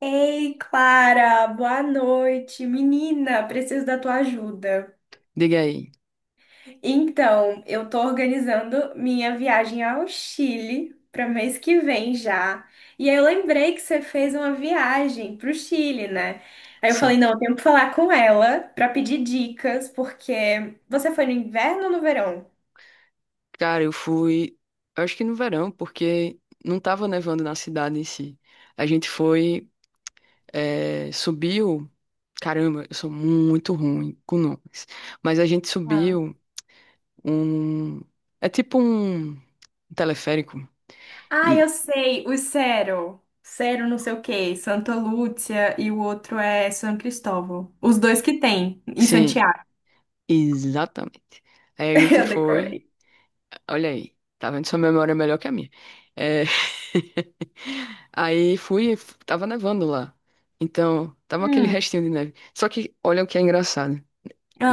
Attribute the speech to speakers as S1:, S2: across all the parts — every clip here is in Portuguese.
S1: Ei, Clara, boa noite. Menina, preciso da tua ajuda.
S2: Diga aí.
S1: Então, eu tô organizando minha viagem ao Chile para mês que vem já. E aí eu lembrei que você fez uma viagem pro Chile, né? Aí eu falei,
S2: Sim.
S1: não, eu tenho que falar com ela para pedir dicas, porque você foi no inverno ou no verão?
S2: Cara, eu fui, eu acho que no verão, porque não tava nevando na cidade em si. A gente foi, subiu. Caramba, eu sou muito ruim com nomes. Mas a gente
S1: Ah.
S2: subiu um. É tipo um teleférico.
S1: Ah, eu
S2: E.
S1: sei, o Cero. Cero não sei o quê, Santa Lúcia e o outro é São Cristóvão. Os dois que tem em
S2: Sim,
S1: Santiago.
S2: exatamente. Aí a gente
S1: Eu
S2: foi.
S1: decorei.
S2: Olha aí, tá vendo? Sua memória é melhor que a minha. É... Aí fui, tava nevando lá. Então, tava aquele
S1: Hum.
S2: restinho de neve. Só que, olha o que é engraçado.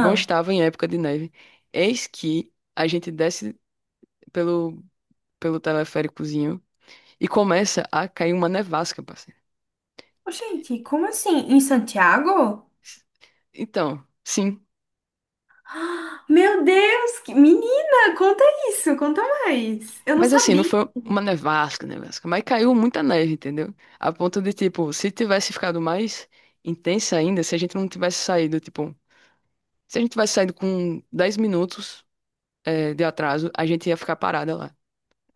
S2: Não estava em época de neve. Eis que a gente desce pelo, pelo teleféricozinho e começa a cair uma nevasca, parceiro.
S1: Ô, gente, como assim? Em Santiago?
S2: Então, sim.
S1: Meu Deus, Menina, conta isso, conta mais. Eu não
S2: Mas assim, não
S1: sabia.
S2: foi uma nevasca, nevasca. Mas caiu muita neve, entendeu? A ponto de, tipo, se tivesse ficado mais intensa ainda, se a gente não tivesse saído, tipo. Se a gente tivesse saído com 10 minutos, é, de atraso, a gente ia ficar parada lá,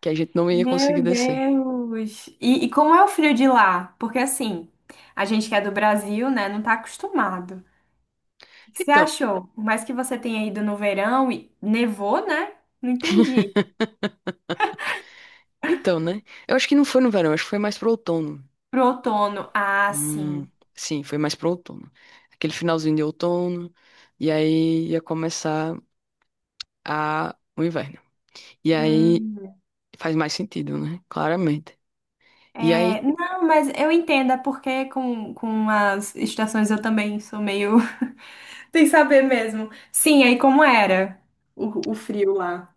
S2: que a gente não ia conseguir
S1: Meu
S2: descer.
S1: Deus. E como é o frio de lá? Porque assim, a gente que é do Brasil, né, não tá acostumado. O que que você
S2: Então,
S1: achou? Por mais que você tenha ido no verão e nevou, né? Não entendi.
S2: então, né? Eu acho que não foi no verão, acho que foi mais pro outono.
S1: Pro outono. Ah,
S2: Hum,
S1: sim.
S2: sim, foi mais pro outono. Aquele finalzinho de outono, e aí ia começar a, o inverno. E aí
S1: Hum.
S2: faz mais sentido, né? Claramente. E
S1: É,
S2: aí,
S1: não, mas eu entendo, é porque com as estações eu também sou meio sem saber mesmo. Sim, aí como era o frio lá?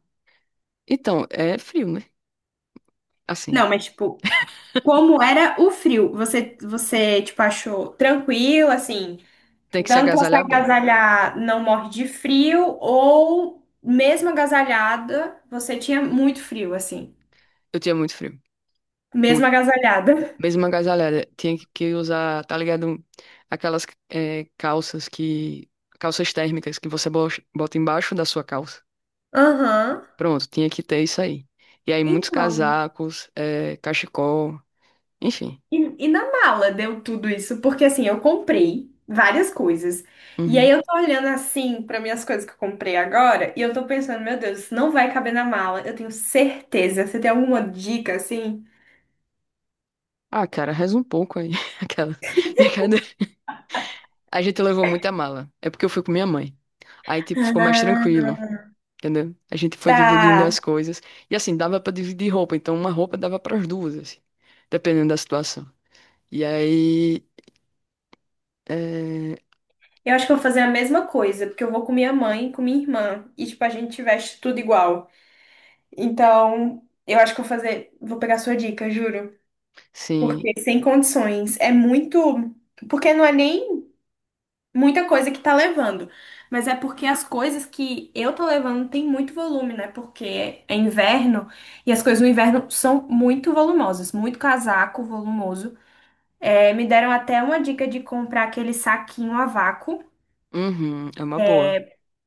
S2: então, é frio, né? Assim,
S1: Não, mas tipo, como era o frio? Você tipo, achou tranquilo, assim,
S2: tem que se
S1: dando pra se
S2: agasalhar bem.
S1: agasalhar, não morre de frio, ou mesmo agasalhada, você tinha muito frio, assim,
S2: Eu tinha muito frio.
S1: mesmo agasalhada?
S2: Mesmo agasalhada, tinha que usar, tá ligado? Aquelas é, calças que. Calças térmicas que você bota embaixo da sua calça.
S1: Aham.
S2: Pronto, tinha que ter isso aí. E aí, muitos
S1: Então.
S2: casacos, é, cachecol, enfim.
S1: E na mala deu tudo isso, porque assim, eu comprei várias coisas. E aí
S2: Uhum.
S1: eu tô olhando assim para minhas coisas que eu comprei agora, e eu tô pensando, meu Deus, isso não vai caber na mala. Eu tenho certeza. Você tem alguma dica assim?
S2: Ah, cara, reza um pouco aí. Aquela. Brincadeira. A gente levou muita mala. É porque eu fui com minha mãe. Aí, tipo, ficou mais
S1: Ah.
S2: tranquilo, entendeu? A gente foi dividindo as
S1: Tá.
S2: coisas. E assim, dava pra dividir roupa. Então, uma roupa dava pras duas, assim, dependendo da situação. E aí. É,
S1: Eu acho que eu vou fazer a mesma coisa, porque eu vou com minha mãe e com minha irmã, e tipo a gente veste tudo igual. Então, eu acho que eu vou fazer, vou pegar sua dica, juro,
S2: sim.
S1: porque sem condições, é muito, porque não é nem muita coisa que tá levando. Mas é porque as coisas que eu tô levando tem muito volume, né? Porque é inverno e as coisas no inverno são muito volumosas, muito casaco volumoso. É, me deram até uma dica de comprar aquele saquinho a vácuo,
S2: Uhum, é uma boa.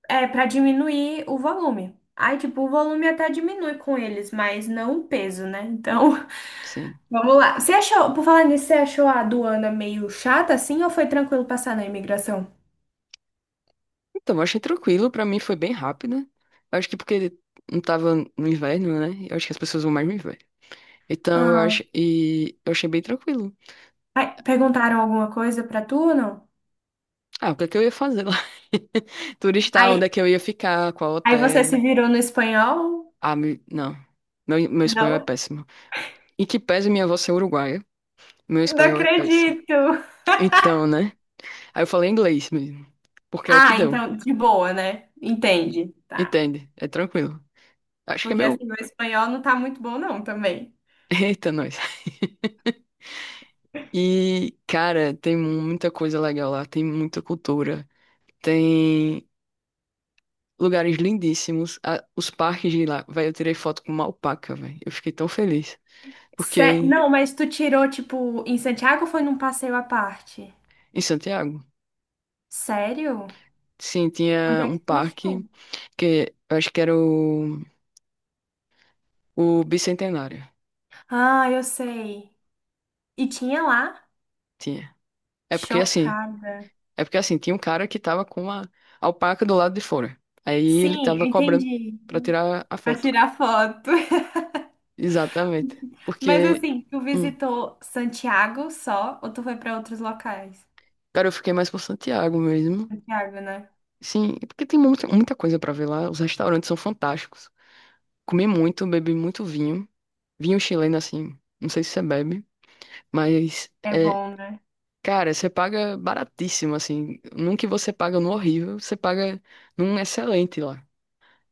S1: é, para diminuir o volume. Aí, tipo, o volume até diminui com eles, mas não o peso, né? Então,
S2: Sim.
S1: vamos lá. Você achou, por falar nisso, você achou a aduana meio chata assim ou foi tranquilo passar na imigração?
S2: Então, eu achei tranquilo. Pra mim foi bem rápida acho que porque não tava no inverno, né? Eu acho que as pessoas vão mais no inverno. Então, eu acho. E eu achei bem tranquilo.
S1: Ai, perguntaram alguma coisa pra tu, não?
S2: Ah, o que é que eu ia fazer lá? Turistar,
S1: Aí,
S2: onde é que eu ia ficar? Qual
S1: aí você se
S2: hotel?
S1: virou no espanhol?
S2: Ah, não. Meu espanhol é
S1: Não?
S2: péssimo. Em que pese minha avó ser uruguaia, meu
S1: Não
S2: espanhol é péssimo.
S1: acredito.
S2: Então, né? Aí eu falei inglês mesmo. Porque é o que
S1: Ah,
S2: deu.
S1: então, de boa, né? Entende, tá.
S2: Entende? É tranquilo. Acho que é
S1: Porque
S2: meu.
S1: assim, meu espanhol não tá muito bom, não, também.
S2: Eita, nós. E, cara, tem muita coisa legal lá, tem muita cultura, tem lugares lindíssimos. Os parques de lá, velho, eu tirei foto com uma alpaca, velho. Eu fiquei tão feliz. Porque
S1: Não, mas tu tirou, tipo, em Santiago ou foi num passeio à parte?
S2: em Santiago,
S1: Sério?
S2: sim,
S1: Onde
S2: tinha
S1: é
S2: um
S1: que tu achou?
S2: parque que eu acho que era o Bicentenário.
S1: Ah, eu sei. E tinha lá?
S2: Tinha. É porque assim,
S1: Chocada.
S2: é porque assim, tinha um cara que tava com uma alpaca do lado de fora. Aí ele
S1: Sim,
S2: tava
S1: eu
S2: cobrando
S1: entendi.
S2: pra tirar a
S1: Pra
S2: foto.
S1: tirar foto.
S2: Exatamente.
S1: Mas
S2: Porque.
S1: assim, tu
S2: hum,
S1: visitou Santiago só ou tu foi pra outros locais?
S2: Cara, eu fiquei mais por Santiago mesmo.
S1: Santiago, né?
S2: Sim, é porque tem muita coisa pra ver lá. Os restaurantes são fantásticos. Comi muito, bebi muito vinho. Vinho chileno, assim. Não sei se você bebe, mas
S1: É
S2: é.
S1: bom, né?
S2: Cara, você paga baratíssimo, assim. Num que você paga no horrível, você paga num excelente lá.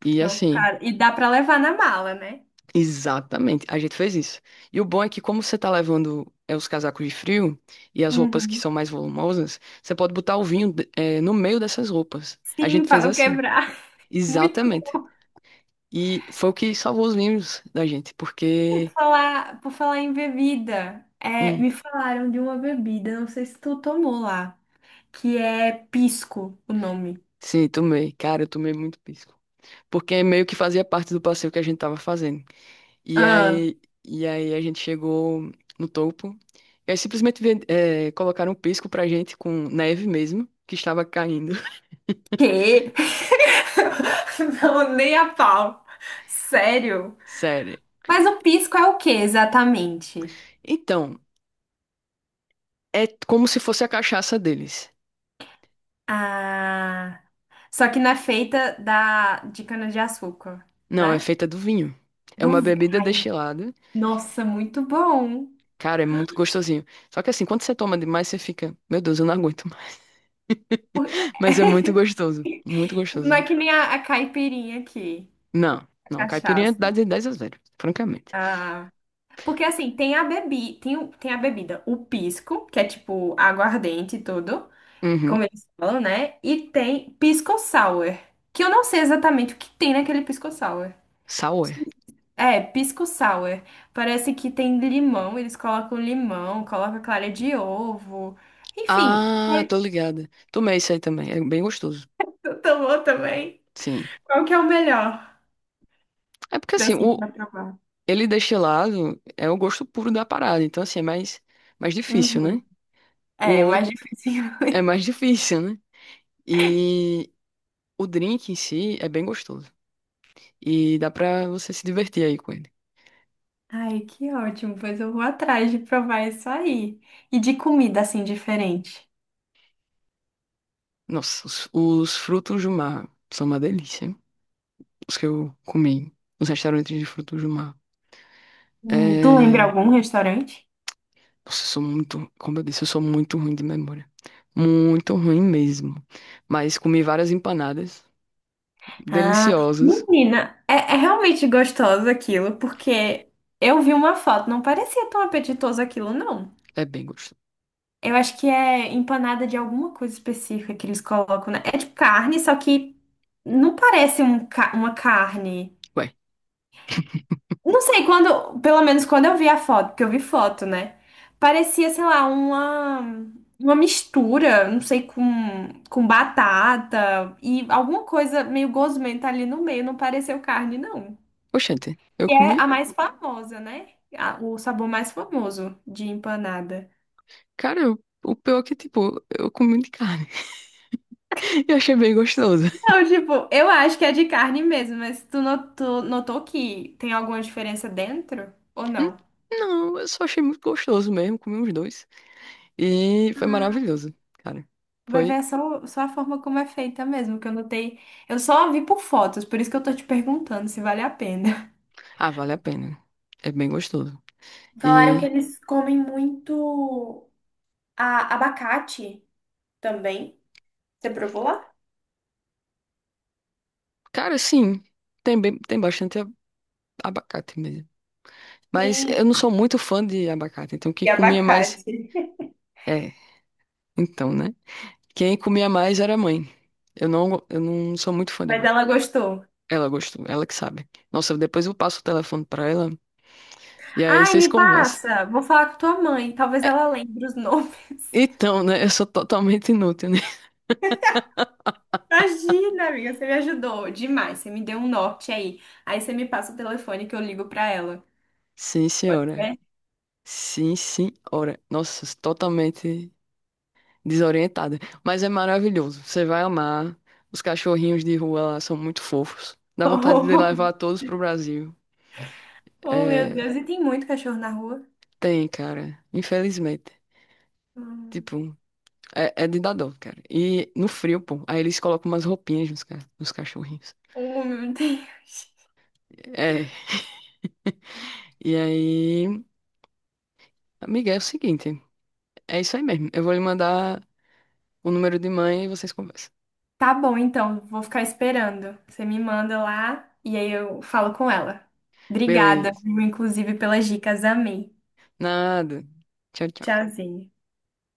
S2: E
S1: Show.
S2: assim,
S1: Cara, e dá pra levar na mala, né?
S2: exatamente, a gente fez isso. E o bom é que, como você tá levando é, os casacos de frio e as roupas que
S1: Uhum.
S2: são mais volumosas, você pode botar o vinho é, no meio dessas roupas. A
S1: Sim,
S2: gente
S1: pra
S2: fez
S1: não
S2: assim.
S1: quebrar. Muito bom.
S2: Exatamente. E foi o que salvou os memes da gente,
S1: por
S2: porque.
S1: falar, por falar em bebida, é,
S2: Hum,
S1: me falaram de uma bebida, não sei se tu tomou lá, que é pisco, o nome.
S2: sim, tomei. Cara, eu tomei muito pisco. Porque é meio que fazia parte do passeio que a gente tava fazendo. E
S1: Ah,
S2: aí, e aí a gente chegou no topo. E aí simplesmente colocaram um pisco pra gente com neve mesmo, que estava caindo.
S1: quê? Não, nem a pau. Sério?
S2: Sério.
S1: Mas o pisco é o que exatamente?
S2: Então, é como se fosse a cachaça deles.
S1: Ah. Só que não é feita da, de cana-de-açúcar,
S2: Não, é
S1: né?
S2: feita do vinho. É uma bebida
S1: Ai,
S2: destilada.
S1: nossa, muito bom.
S2: Cara, é muito gostosinho. Só que assim, quando você toma demais, você fica, meu Deus, eu não aguento.
S1: Por-
S2: Mas é muito gostoso. Muito
S1: Tipo, não é
S2: gostoso.
S1: que nem a caipirinha aqui,
S2: Não,
S1: a
S2: não. A caipirinha dá
S1: cachaça.
S2: de 10 a zero, francamente.
S1: Ah, porque assim, tem a bebida, o pisco, que é tipo aguardente e tudo, como
S2: Uhum.
S1: eles falam, né? E tem pisco sour, que eu não sei exatamente o que tem naquele pisco sour.
S2: Sour.
S1: É, pisco sour. Parece que tem limão, eles colocam limão, colocam clara de ovo. Enfim,
S2: Ah, tô ligada. Tomei isso aí também. É bem gostoso.
S1: tu tomou também.
S2: Sim.
S1: Qual que é o melhor
S2: É porque
S1: pra,
S2: assim,
S1: assim,
S2: o
S1: pra provar?
S2: ele destilado é o gosto puro da parada. Então, assim, mais difícil, né?
S1: Uhum.
S2: O
S1: É,
S2: outro
S1: mais difícil.
S2: é mais difícil, né? E o drink em si é bem gostoso. E dá pra você se divertir aí com ele.
S1: Ai, que ótimo, pois eu vou atrás de provar isso aí. E de comida, assim, diferente.
S2: Nossa, os frutos do mar são uma delícia. Os que eu comi nos restaurantes de frutos do mar.
S1: Tu lembra
S2: É...
S1: algum restaurante?
S2: Nossa, eu sou muito, como eu disse, eu sou muito ruim de memória. Muito ruim mesmo. Mas comi várias empanadas
S1: Ah,
S2: deliciosas.
S1: menina, é realmente gostoso aquilo, porque eu vi uma foto, não parecia tão apetitoso aquilo, não.
S2: É bem gostoso.
S1: Eu acho que é empanada de alguma coisa específica que eles colocam, né? É tipo carne, só que não parece um uma carne.
S2: Ué,
S1: Não sei, quando, pelo menos quando eu vi a foto, porque eu vi foto, né? Parecia, sei lá, uma, mistura, não sei, com batata e alguma coisa meio gosmenta ali no meio, não pareceu carne, não.
S2: oxente, eu
S1: E é
S2: comi.
S1: a mais famosa, né? O sabor mais famoso de empanada.
S2: Cara, o pior é que, tipo, eu comi de carne e achei bem gostoso.
S1: Não, tipo, eu acho que é de carne mesmo, mas tu notou, notou que tem alguma diferença dentro ou
S2: Hum,
S1: não?
S2: Não, eu só achei muito gostoso mesmo. Comi uns dois. E foi maravilhoso, cara.
S1: Vai ver
S2: Foi.
S1: é só, só a forma como é feita mesmo, que eu notei. Eu só vi por fotos, por isso que eu tô te perguntando se vale a pena.
S2: Ah, vale a pena. É bem gostoso.
S1: Falaram que
S2: E.
S1: eles comem muito abacate também. Você provou lá?
S2: Cara, sim, tem, bem, tem bastante abacate mesmo. Mas
S1: Sim,
S2: eu não sou muito fã de abacate, então quem
S1: e
S2: comia mais.
S1: abacate.
S2: É, então, né? Quem comia mais era a mãe. Eu não, eu não sou muito fã de
S1: Mas
S2: abacate.
S1: ela gostou.
S2: Ela gostou, ela que sabe. Nossa, depois eu passo o telefone pra ela e aí
S1: Ai,
S2: vocês
S1: me
S2: conversam.
S1: passa, vou falar com tua mãe, talvez
S2: É,
S1: ela lembre os nomes.
S2: então, né? Eu sou totalmente inútil, né?
S1: Imagina, amiga, você me ajudou demais. Você me deu um norte aí. Aí você me passa o telefone que eu ligo pra ela.
S2: Sim,
S1: Pode
S2: senhora.
S1: ser?
S2: Sim, senhora. Nossa, totalmente. Desorientada. Mas é maravilhoso. Você vai amar. Os cachorrinhos de rua lá são muito fofos. Dá vontade de levar todos pro Brasil.
S1: Oh, meu
S2: É,
S1: Deus, e tem muito cachorro na rua?
S2: tem, cara. Infelizmente.
S1: Hum.
S2: Tipo, é, é de dar dó, cara. E no frio, pô. Aí eles colocam umas roupinhas nos, nos cachorrinhos.
S1: Oh, meu Deus.
S2: É. E aí, amiga, é o seguinte. É isso aí mesmo. Eu vou lhe mandar o número de mãe e vocês conversam.
S1: Tá bom, então, vou ficar esperando. Você me manda lá e aí eu falo com ela. Obrigada,
S2: Beleza.
S1: viu, inclusive, pelas dicas. Amei.
S2: Nada. Tchau, tchau.
S1: Tchauzinho.